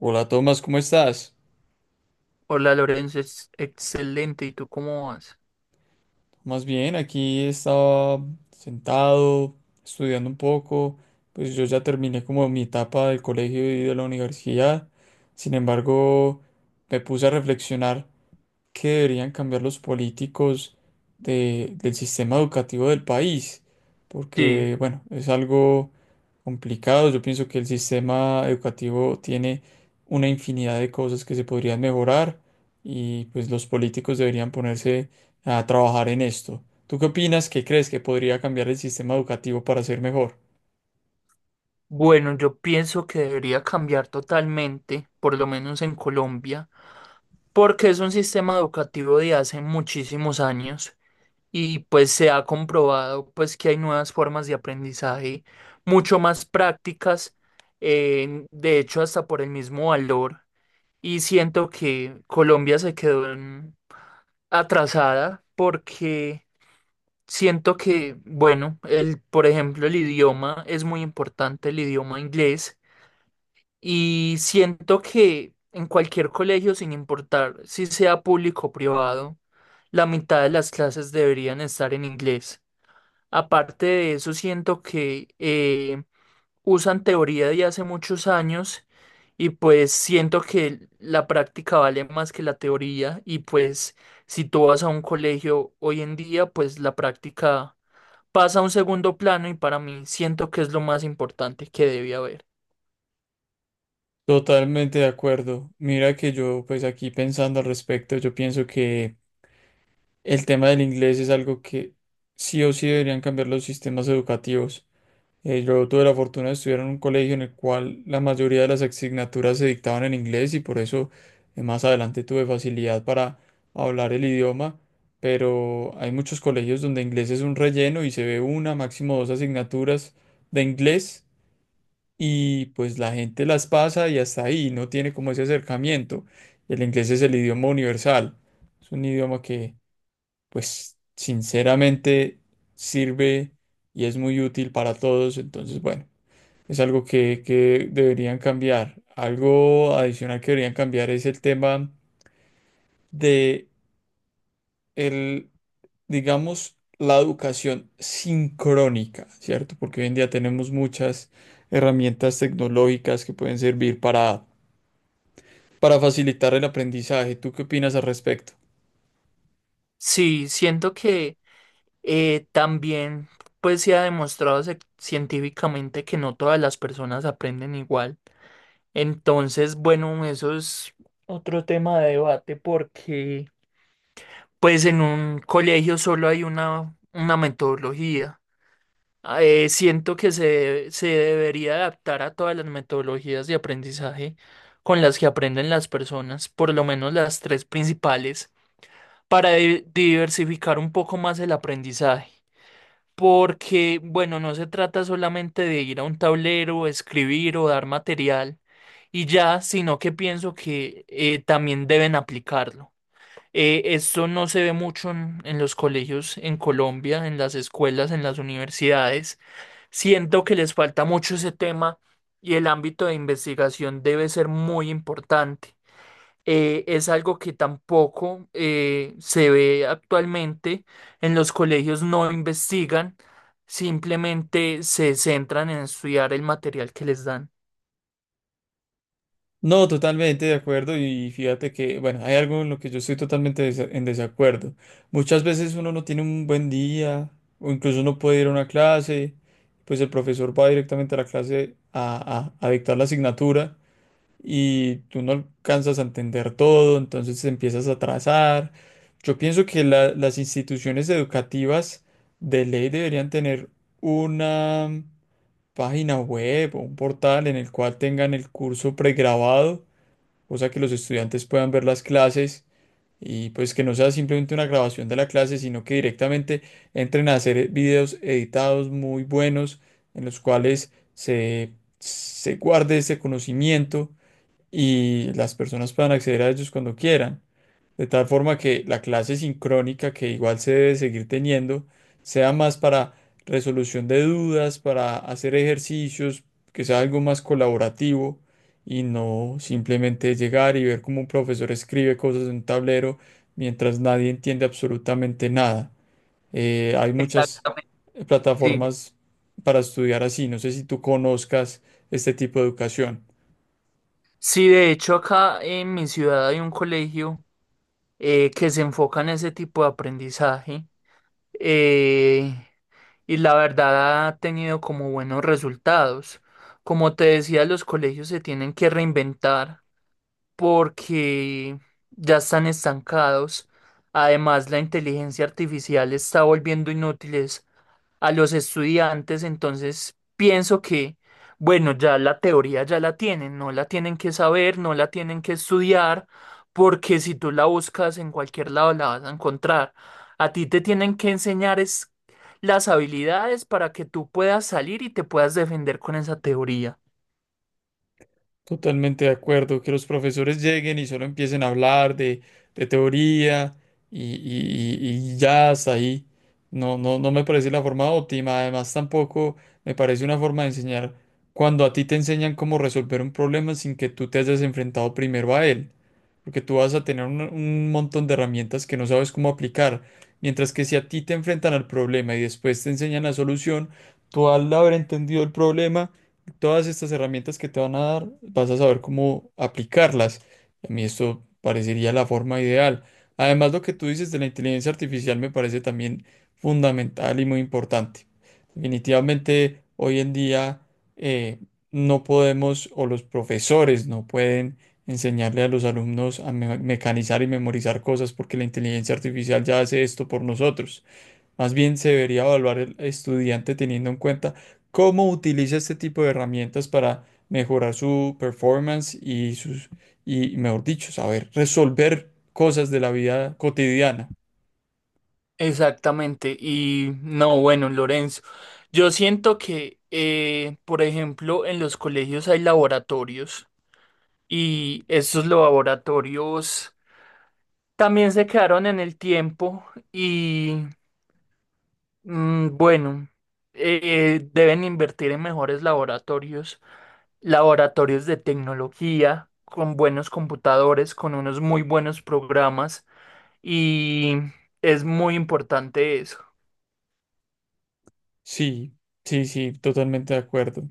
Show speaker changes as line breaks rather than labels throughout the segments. Hola Tomás, ¿cómo estás?
Hola Lorenzo, es excelente. ¿Y tú cómo vas?
Más bien, aquí estaba sentado, estudiando un poco, pues yo ya terminé como mi etapa del colegio y de la universidad, sin embargo, me puse a reflexionar qué deberían cambiar los políticos del sistema educativo del país,
Sí.
porque bueno, es algo complicados. Yo pienso que el sistema educativo tiene una infinidad de cosas que se podrían mejorar y pues los políticos deberían ponerse a trabajar en esto. ¿Tú qué opinas? ¿Qué crees que podría cambiar el sistema educativo para ser mejor?
Bueno, yo pienso que debería cambiar totalmente, por lo menos en Colombia, porque es un sistema educativo de hace muchísimos años y pues se ha comprobado pues que hay nuevas formas de aprendizaje mucho más prácticas, de hecho hasta por el mismo valor y siento que Colombia se quedó en- atrasada porque siento que, bueno, el, por ejemplo, el idioma es muy importante, el idioma inglés, y siento que en cualquier colegio, sin importar si sea público o privado, la mitad de las clases deberían estar en inglés. Aparte de eso, siento que usan teoría de hace muchos años y pues siento que la práctica vale más que la teoría y pues si tú vas a un colegio hoy en día, pues la práctica pasa a un segundo plano y para mí siento que es lo más importante que debe haber.
Totalmente de acuerdo. Mira que yo pues aquí pensando al respecto, yo pienso que el tema del inglés es algo que sí o sí deberían cambiar los sistemas educativos. Yo tuve la fortuna de estudiar en un colegio en el cual la mayoría de las asignaturas se dictaban en inglés y por eso más adelante tuve facilidad para hablar el idioma, pero hay muchos colegios donde inglés es un relleno y se ve una, máximo dos asignaturas de inglés y pues la gente las pasa y hasta ahí, no tiene como ese acercamiento. El inglés es el idioma universal, es un idioma que pues sinceramente sirve y es muy útil para todos, entonces bueno. Es algo que deberían cambiar. Algo adicional que deberían cambiar es el tema de el, digamos, la educación sincrónica, ¿cierto? Porque hoy en día tenemos muchas herramientas tecnológicas que pueden servir para facilitar el aprendizaje. ¿Tú qué opinas al respecto?
Sí, siento que también pues se ha demostrado científicamente que no todas las personas aprenden igual. Entonces, bueno, eso es otro tema de debate porque pues en un colegio solo hay una metodología. Siento que se debería adaptar a todas las metodologías de aprendizaje con las que aprenden las personas, por lo menos las tres principales, para diversificar un poco más el aprendizaje. Porque, bueno, no se trata solamente de ir a un tablero, escribir o dar material y ya, sino que pienso que también deben aplicarlo. Esto no se ve mucho en los colegios en Colombia, en las escuelas, en las universidades. Siento que les falta mucho ese tema y el ámbito de investigación debe ser muy importante. Es algo que tampoco se ve actualmente. En los colegios no investigan, simplemente se centran en estudiar el material que les dan.
No, totalmente de acuerdo y fíjate que, bueno, hay algo en lo que yo estoy totalmente en desacuerdo. Muchas veces uno no tiene un buen día o incluso no puede ir a una clase, pues el profesor va directamente a la clase a dictar la asignatura y tú no alcanzas a entender todo, entonces te empiezas a atrasar. Yo pienso que las instituciones educativas de ley deberían tener una página web o un portal en el cual tengan el curso pregrabado cosa que los estudiantes puedan ver las clases y pues que no sea simplemente una grabación de la clase, sino que directamente entren a hacer videos editados muy buenos en los cuales se guarde ese conocimiento y las personas puedan acceder a ellos cuando quieran. De tal forma que la clase sincrónica, que igual se debe seguir teniendo, sea más para resolución de dudas, para hacer ejercicios, que sea algo más colaborativo y no simplemente llegar y ver cómo un profesor escribe cosas en un tablero mientras nadie entiende absolutamente nada. Hay muchas
Exactamente. Sí,
plataformas para estudiar así. No sé si tú conozcas este tipo de educación.
sí, de hecho acá en mi ciudad hay un colegio que se enfoca en ese tipo de aprendizaje, eh, y la verdad ha tenido como buenos resultados. Como te decía, los colegios se tienen que reinventar porque ya están estancados. Además, la inteligencia artificial está volviendo inútiles a los estudiantes, entonces pienso que, bueno, ya la teoría ya la tienen, no la tienen que saber, no la tienen que estudiar, porque si tú la buscas en cualquier lado la vas a encontrar. A ti te tienen que enseñar es las habilidades para que tú puedas salir y te puedas defender con esa teoría.
Totalmente de acuerdo, que los profesores lleguen y solo empiecen a hablar de teoría y, y ya hasta ahí. No, no, no me parece la forma óptima. Además, tampoco me parece una forma de enseñar cuando a ti te enseñan cómo resolver un problema sin que tú te hayas enfrentado primero a él porque tú vas a tener un montón de herramientas que no sabes cómo aplicar, mientras que si a ti te enfrentan al problema y después te enseñan la solución, tú al haber entendido el problema, todas estas herramientas que te van a dar, vas a saber cómo aplicarlas. A mí esto parecería la forma ideal. Además, lo que tú dices de la inteligencia artificial me parece también fundamental y muy importante. Definitivamente, hoy en día eh, no podemos, o los profesores no pueden enseñarle a los alumnos a mecanizar y memorizar cosas porque la inteligencia artificial ya hace esto por nosotros. Más bien se debería evaluar el estudiante teniendo en cuenta cómo utiliza este tipo de herramientas para mejorar su performance y y mejor dicho, saber resolver cosas de la vida cotidiana.
Exactamente. Y no, bueno, Lorenzo, yo siento que, por ejemplo, en los colegios hay laboratorios y estos laboratorios también se quedaron en el tiempo y, bueno, deben invertir en mejores laboratorios, laboratorios de tecnología, con buenos computadores, con unos muy buenos programas, y es muy importante eso.
Sí, sí, sí, totalmente de acuerdo.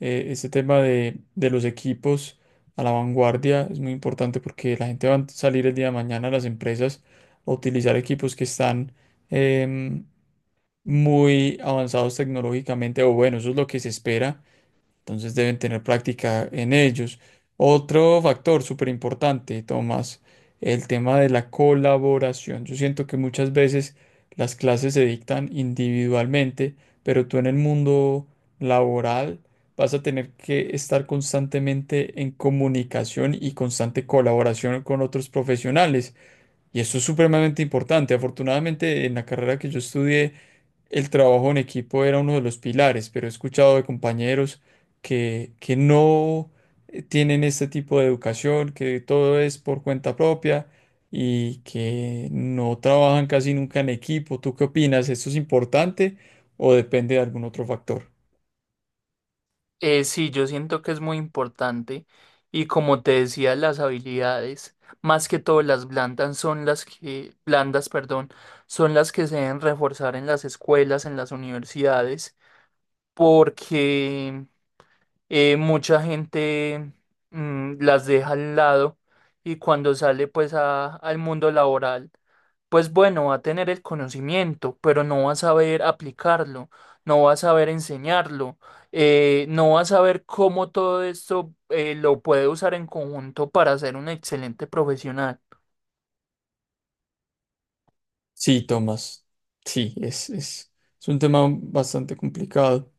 Este tema de los equipos a la vanguardia es muy importante porque la gente va a salir el día de mañana a las empresas a utilizar equipos que están em, muy avanzados tecnológicamente, o bueno, eso es lo que se espera. Entonces deben tener práctica en ellos. Otro factor súper importante, Tomás, el tema de la colaboración. Yo siento que muchas veces las clases se dictan individualmente, pero tú en el mundo laboral vas a tener que estar constantemente en comunicación y constante colaboración con otros profesionales. Y eso es supremamente importante. Afortunadamente, en la carrera que yo estudié, el trabajo en equipo era uno de los pilares, pero he escuchado de compañeros que no tienen este tipo de educación, que todo es por cuenta propia y que no trabajan casi nunca en equipo. ¿Tú qué opinas? ¿Esto es importante o depende de algún otro factor?
Sí, yo siento que es muy importante y como te decía, las habilidades, más que todo las blandas son las que, blandas, perdón, son las que se deben reforzar en las escuelas, en las universidades porque mucha gente, las deja al lado y cuando sale pues al mundo laboral, pues bueno, va a tener el conocimiento, pero no va a saber aplicarlo, no va a saber enseñarlo, no va a saber cómo todo esto lo puede usar en conjunto para ser un excelente profesional.
Sí, Tomás. Sí, es un tema bastante complicado,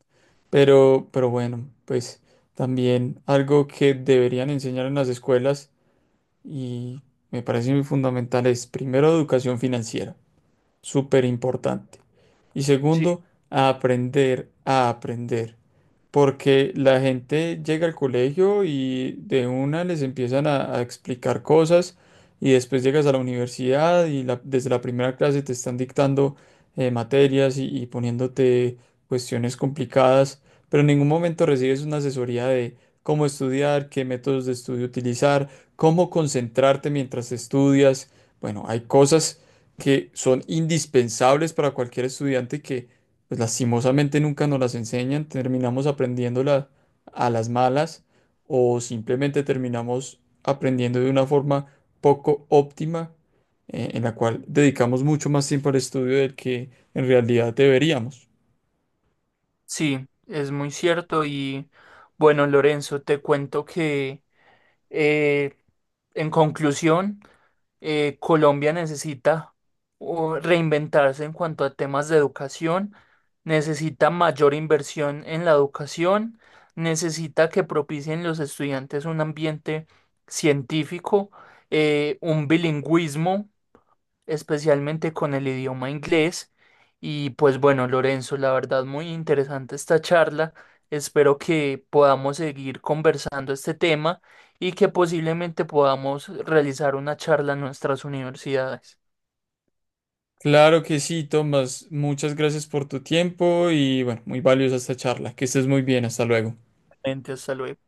pero bueno, pues también algo que deberían enseñar en las escuelas y me parece muy fundamental es primero, educación financiera súper importante. Y
Sí.
segundo, a a aprender. Porque la gente llega al colegio y de una les empiezan a explicar cosas y después llegas a la universidad y desde la primera clase te están dictando materias y poniéndote cuestiones complicadas, pero en ningún momento recibes una asesoría de cómo estudiar, qué métodos de estudio utilizar, cómo concentrarte mientras estudias. Bueno, hay cosas que son indispensables para cualquier estudiante que, pues lastimosamente nunca nos las enseñan, terminamos aprendiéndolas a las malas o simplemente terminamos aprendiendo de una forma poco óptima, en la cual dedicamos mucho más tiempo al estudio del que en realidad deberíamos.
Sí, es muy cierto y bueno, Lorenzo, te cuento que eh, en conclusión, Colombia necesita o reinventarse en cuanto a temas de educación, necesita mayor inversión en la educación, necesita que propicien los estudiantes un ambiente científico, un bilingüismo especialmente con el idioma inglés. Y pues bueno, Lorenzo, la verdad muy interesante esta charla. Espero que podamos seguir conversando este tema y que posiblemente podamos realizar una charla en nuestras universidades.
Claro que sí, Tomás, muchas gracias por tu tiempo y bueno, muy valiosa esta charla. Que estés muy bien, hasta luego.
Hasta luego.